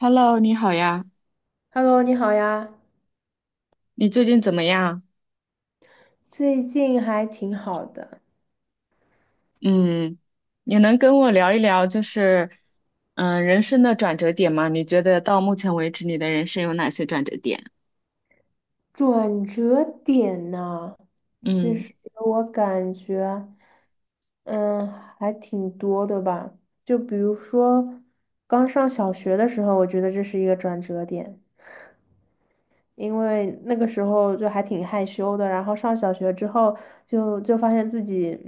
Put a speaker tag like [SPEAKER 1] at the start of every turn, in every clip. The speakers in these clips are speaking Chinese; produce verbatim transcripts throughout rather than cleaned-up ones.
[SPEAKER 1] Hello，你好呀，
[SPEAKER 2] Hello，你好呀，
[SPEAKER 1] 你最近怎么样？
[SPEAKER 2] 最近还挺好的。
[SPEAKER 1] 嗯，你能跟我聊一聊，就是，嗯，人生的转折点吗？你觉得到目前为止，你的人生有哪些转折点？
[SPEAKER 2] 转折点呢，其
[SPEAKER 1] 嗯
[SPEAKER 2] 实我感觉，嗯，还挺多的吧。就比如说，刚上小学的时候，我觉得这是一个转折点。因为那个时候就还挺害羞的，然后上小学之后就就发现自己，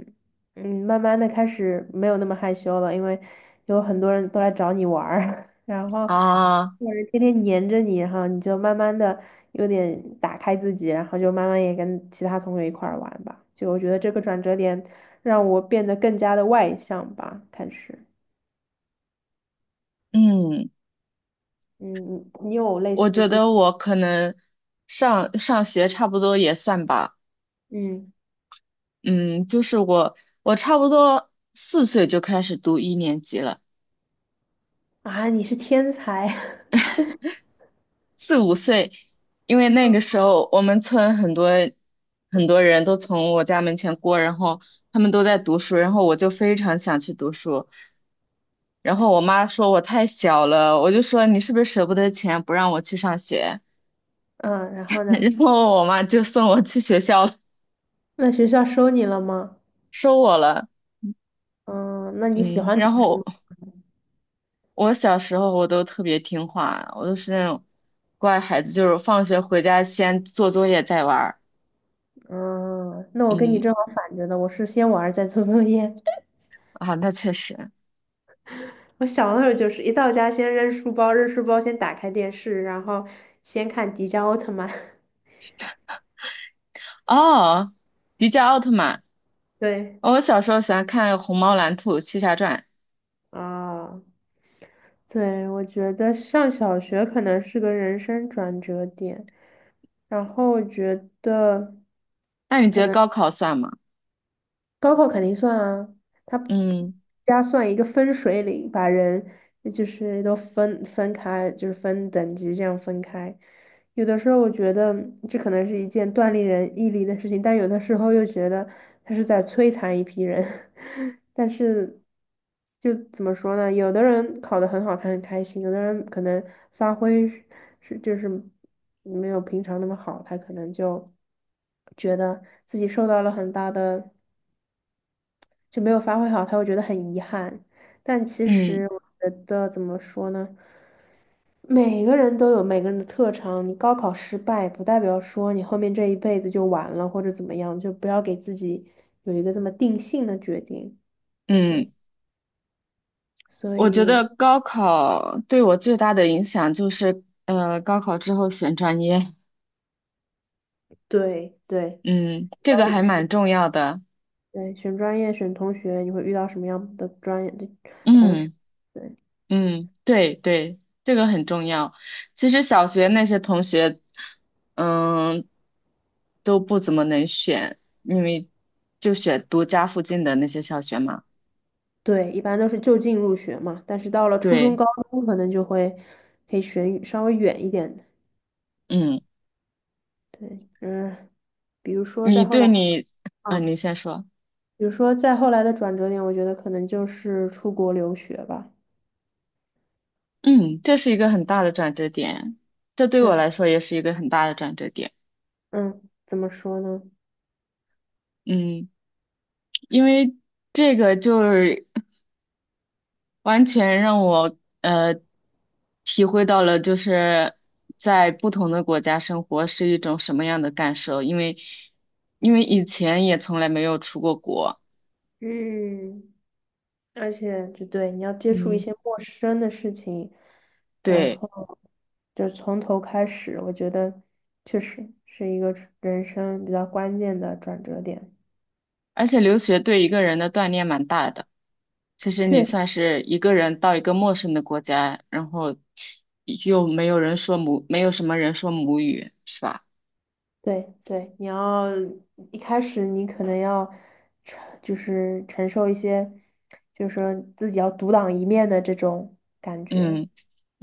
[SPEAKER 2] 嗯，慢慢的开始没有那么害羞了，因为有很多人都来找你玩儿，然后
[SPEAKER 1] 啊，
[SPEAKER 2] 有人天天黏着你，然后你就慢慢的有点打开自己，然后就慢慢也跟其他同学一块儿玩吧。就我觉得这个转折点让我变得更加的外向吧。开始，
[SPEAKER 1] 嗯，
[SPEAKER 2] 嗯，你你有类
[SPEAKER 1] 我
[SPEAKER 2] 似的
[SPEAKER 1] 觉
[SPEAKER 2] 经，
[SPEAKER 1] 得我可能上上学差不多也算吧，
[SPEAKER 2] 嗯，
[SPEAKER 1] 嗯，就是我我差不多四岁就开始读一年级了。
[SPEAKER 2] 啊，你是天才，
[SPEAKER 1] 四五岁，因为那个时候我们村很多很多人都从我家门前过，然后他们都在读书，然后我就非常想去读书，然后我妈说我太小了，我就说你是不是舍不得钱不让我去上学，
[SPEAKER 2] 嗯，然后 呢？
[SPEAKER 1] 然后我妈就送我去学校了，
[SPEAKER 2] 那学校收你了吗？
[SPEAKER 1] 收我了。
[SPEAKER 2] 嗯，那你喜
[SPEAKER 1] 嗯，
[SPEAKER 2] 欢读
[SPEAKER 1] 然后我小时候我都特别听话，我都是那种乖孩子，就是放学回家先做作业再玩儿。
[SPEAKER 2] 嗯，那我跟你
[SPEAKER 1] 嗯。
[SPEAKER 2] 正好反着的，我是先玩儿再做作业。
[SPEAKER 1] 啊，那确实。
[SPEAKER 2] 我小的时候就是一到家先扔书包，扔书包先打开电视，然后先看迪迦奥特曼。
[SPEAKER 1] 哦，迪迦奥特曼。
[SPEAKER 2] 对，
[SPEAKER 1] 哦，我小时候喜欢看《虹猫蓝兔七侠传》。
[SPEAKER 2] 啊，对，我觉得上小学可能是个人生转折点，然后我觉得。
[SPEAKER 1] 那你觉得高考算吗？
[SPEAKER 2] 高考肯定算啊，它
[SPEAKER 1] 嗯
[SPEAKER 2] 加算一个分水岭，把人就是都分分开，就是分等级这样分开。有的时候我觉得这可能是一件锻炼人毅力的事情，但有的时候又觉得他是在摧残一批人。但是就怎么说呢？有的人考得很好，他很开心；有的人可能发挥是是就是没有平常那么好，他可能就觉得自己受到了很大的。就没有发挥好，他会觉得很遗憾。但其实
[SPEAKER 1] 嗯
[SPEAKER 2] 我觉得怎么说呢，每个人都有每个人的特长，你高考失败不代表说你后面这一辈子就完了或者怎么样，就不要给自己有一个这么定性的决定。我觉得，
[SPEAKER 1] 嗯，
[SPEAKER 2] 所
[SPEAKER 1] 我觉
[SPEAKER 2] 以
[SPEAKER 1] 得高考对我最大的影响就是，呃，高考之后选专业。
[SPEAKER 2] 对对
[SPEAKER 1] 嗯，这个还蛮重要的。
[SPEAKER 2] 对，选专业、选同学，你会遇到什么样的专业的同学？
[SPEAKER 1] 嗯
[SPEAKER 2] 对
[SPEAKER 1] 嗯，对对，这个很重要。其实小学那些同学，嗯，都不怎么能选，因为就选读家附近的那些小学嘛。
[SPEAKER 2] 对，一般都是就近入学嘛，但是到了初中、
[SPEAKER 1] 对。
[SPEAKER 2] 高中，可能就会可以选稍微远一点的。
[SPEAKER 1] 嗯，
[SPEAKER 2] 对，嗯，比如说
[SPEAKER 1] 你
[SPEAKER 2] 再后
[SPEAKER 1] 对
[SPEAKER 2] 来，
[SPEAKER 1] 你，嗯，
[SPEAKER 2] 嗯，
[SPEAKER 1] 你先说。
[SPEAKER 2] 比如说再后来的转折点，我觉得可能就是出国留学吧。
[SPEAKER 1] 嗯，这是一个很大的转折点，这对
[SPEAKER 2] 确
[SPEAKER 1] 我
[SPEAKER 2] 实，
[SPEAKER 1] 来说也是一个很大的转折点。
[SPEAKER 2] 嗯，怎么说呢？
[SPEAKER 1] 嗯，因为这个就是完全让我呃体会到了，就是在不同的国家生活是一种什么样的感受。因为因为以前也从来没有出过国。
[SPEAKER 2] 嗯，而且就对，你要接触一
[SPEAKER 1] 嗯，
[SPEAKER 2] 些陌生的事情，然
[SPEAKER 1] 对，
[SPEAKER 2] 后就从头开始，我觉得确实是一个人生比较关键的转折点。
[SPEAKER 1] 而且留学对一个人的锻炼蛮大的。其实你
[SPEAKER 2] 确实。
[SPEAKER 1] 算是一个人到一个陌生的国家，然后又没有人说母，没有什么人说母语，是吧？
[SPEAKER 2] 对对，你要一开始你可能要承，就是承受一些，就是说自己要独当一面的这种感觉，
[SPEAKER 1] 嗯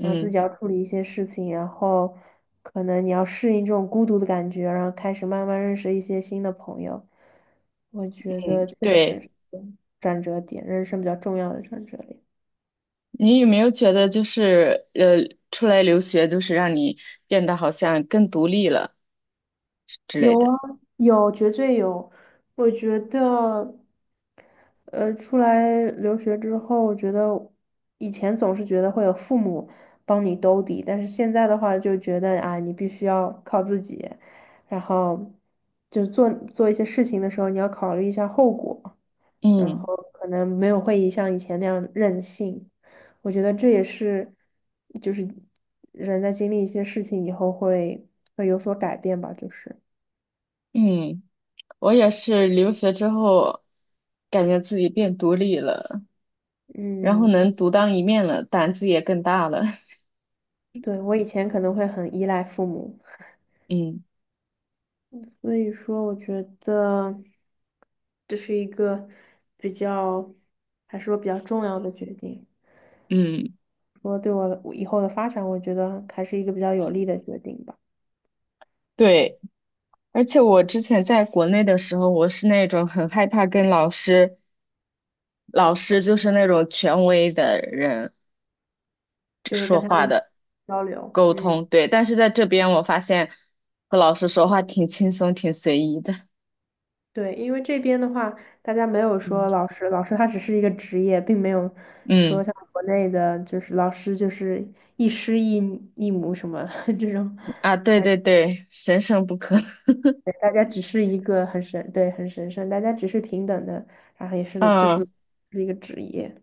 [SPEAKER 2] 然后自己要处理一些事情，然后可能你要适应这种孤独的感觉，然后开始慢慢认识一些新的朋友。我觉
[SPEAKER 1] 嗯，
[SPEAKER 2] 得确实
[SPEAKER 1] 对。
[SPEAKER 2] 是转折点，人生比较重要的转折点。
[SPEAKER 1] 你有没有觉得就是呃，出来留学就是让你变得好像更独立了之
[SPEAKER 2] 有
[SPEAKER 1] 类的？
[SPEAKER 2] 啊，有，绝对有。我觉得，呃，出来留学之后，我觉得以前总是觉得会有父母帮你兜底，但是现在的话就觉得啊，你必须要靠自己，然后就做做一些事情的时候，你要考虑一下后果，然后
[SPEAKER 1] 嗯
[SPEAKER 2] 可能没有会像以前那样任性。我觉得这也是，就是人在经历一些事情以后会会有所改变吧，就是。
[SPEAKER 1] 嗯，我也是留学之后，感觉自己变独立了，然后
[SPEAKER 2] 嗯，
[SPEAKER 1] 能独当一面了，胆子也更大了。
[SPEAKER 2] 对，我以前可能会很依赖父母，
[SPEAKER 1] 嗯
[SPEAKER 2] 所以说我觉得这是一个比较，还是说比较重要的决定。
[SPEAKER 1] 嗯，
[SPEAKER 2] 说对我我以后的发展，我觉得还是一个比较有利的决定吧。
[SPEAKER 1] 对。而且我之前在国内的时候，我是那种很害怕跟老师，老师就是那种权威的人
[SPEAKER 2] 就是
[SPEAKER 1] 说
[SPEAKER 2] 跟他
[SPEAKER 1] 话
[SPEAKER 2] 们
[SPEAKER 1] 的
[SPEAKER 2] 交流，
[SPEAKER 1] 沟
[SPEAKER 2] 嗯，
[SPEAKER 1] 通，对。但是在这边，我发现和老师说话挺轻松、挺随意的。
[SPEAKER 2] 对，因为这边的话，大家没有
[SPEAKER 1] 嗯，
[SPEAKER 2] 说老师，老师他只是一个职业，并没有说
[SPEAKER 1] 嗯，
[SPEAKER 2] 像国内的，就是老师就是一师一一母什么 这种。
[SPEAKER 1] 啊，对对对，神圣不可。
[SPEAKER 2] 对，大家只是一个很神，对，很神圣，大家只是平等的，然后也是就是
[SPEAKER 1] 嗯，
[SPEAKER 2] 是一个职业。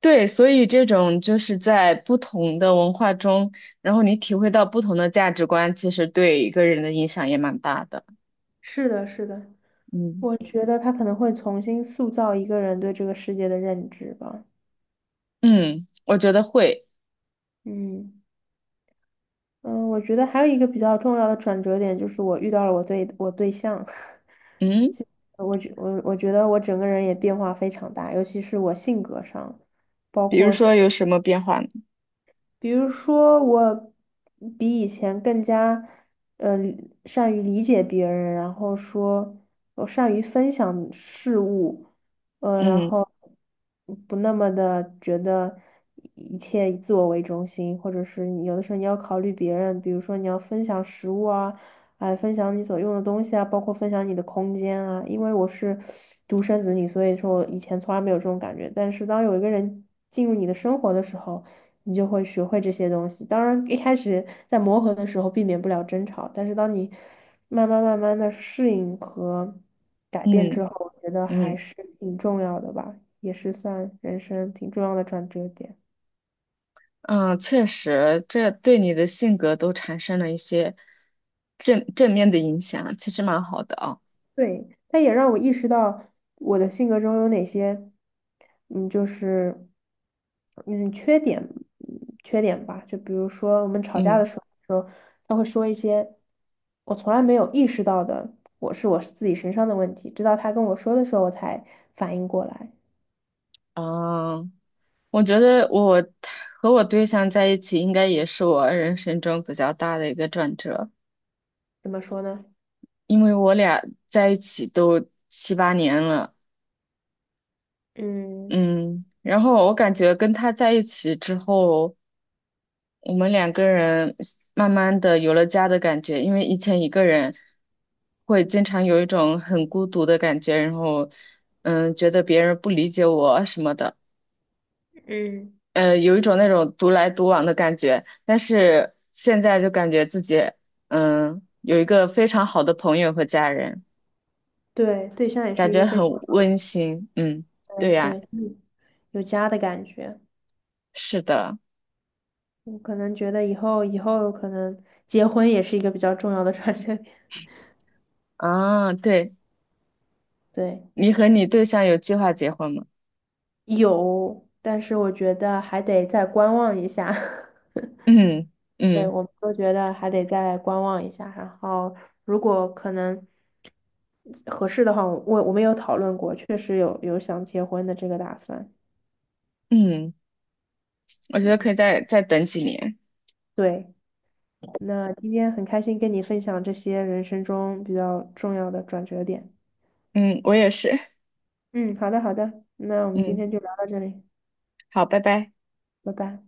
[SPEAKER 1] 对，所以这种就是在不同的文化中，然后你体会到不同的价值观，其实对一个人的影响也蛮大的。
[SPEAKER 2] 是的，是的，
[SPEAKER 1] 嗯，
[SPEAKER 2] 我觉得他可能会重新塑造一个人对这个世界的认知吧。
[SPEAKER 1] 嗯，我觉得会。
[SPEAKER 2] 嗯嗯，我觉得还有一个比较重要的转折点就是我遇到了我对我对象，
[SPEAKER 1] 嗯。
[SPEAKER 2] 我觉我我觉得我整个人也变化非常大，尤其是我性格上。
[SPEAKER 1] 比如说有什么变化呢？
[SPEAKER 2] 比如说，我比以前更加呃理善于理解别人，然后说我善于分享事物，呃，然
[SPEAKER 1] 嗯
[SPEAKER 2] 后不那么的觉得一切以自我为中心，或者是你有的时候你要考虑别人，比如说你要分享食物啊，哎，分享你所用的东西啊，包括分享你的空间啊。因为我是独生子女，所以说我以前从来没有这种感觉，但是当有一个人进入你的生活的时候，你就会学会这些东西。当然，一开始在磨合的时候避免不了争吵，但是当你慢慢慢慢的适应和改变
[SPEAKER 1] 嗯
[SPEAKER 2] 之后，我觉得还
[SPEAKER 1] 嗯
[SPEAKER 2] 是挺重要的吧，也是算人生挺重要的转折点。
[SPEAKER 1] 嗯，确实，这对你的性格都产生了一些正正面的影响，其实蛮好的啊。
[SPEAKER 2] 对，它也让我意识到我的性格中有哪些，嗯，就是嗯缺点，嗯缺点吧。就比如说我们吵架
[SPEAKER 1] 嗯
[SPEAKER 2] 的时候，他会说一些我从来没有意识到的，我是我是自己身上的问题，直到他跟我说的时候，我才反应过来。
[SPEAKER 1] 啊，我觉得我和我对象在一起，应该也是我人生中比较大的一个转折，
[SPEAKER 2] 怎么说呢？
[SPEAKER 1] 因为我俩在一起都七八年了。
[SPEAKER 2] 嗯，
[SPEAKER 1] 嗯，然后我感觉跟他在一起之后。我们两个人慢慢的有了家的感觉，因为以前一个人会经常有一种很孤独的感觉，然后嗯，觉得别人不理解我啊什么的，
[SPEAKER 2] 嗯
[SPEAKER 1] 呃，有一种那种独来独往的感觉。但是现在就感觉自己嗯有一个非常好的朋友和家人，
[SPEAKER 2] 对，对象也是
[SPEAKER 1] 感
[SPEAKER 2] 一
[SPEAKER 1] 觉
[SPEAKER 2] 个非
[SPEAKER 1] 很
[SPEAKER 2] 常
[SPEAKER 1] 温馨。嗯，对
[SPEAKER 2] 对
[SPEAKER 1] 呀，
[SPEAKER 2] 对嗯有家的感觉。
[SPEAKER 1] 是的，
[SPEAKER 2] 我可能觉得以后以后可能结婚也是一个比较重要的 转折
[SPEAKER 1] 啊，对，
[SPEAKER 2] 对，
[SPEAKER 1] 你和你对象有计划结婚吗？
[SPEAKER 2] 有，但是我觉得还得再观望一下。
[SPEAKER 1] 嗯
[SPEAKER 2] 对，
[SPEAKER 1] 嗯
[SPEAKER 2] 我们都觉得还得再观望一下，然后如果可能合适的话，我我们有讨论过，确实有有想结婚的这个打算。
[SPEAKER 1] 嗯。我觉得可
[SPEAKER 2] 嗯，
[SPEAKER 1] 以再再等几年。
[SPEAKER 2] 对，那今天很开心跟你分享这些人生中比较重要的转折点。
[SPEAKER 1] 嗯，我也是。
[SPEAKER 2] 嗯，好的好的，那我们今
[SPEAKER 1] 嗯，
[SPEAKER 2] 天就聊到这里，
[SPEAKER 1] 好，拜拜。
[SPEAKER 2] 拜拜。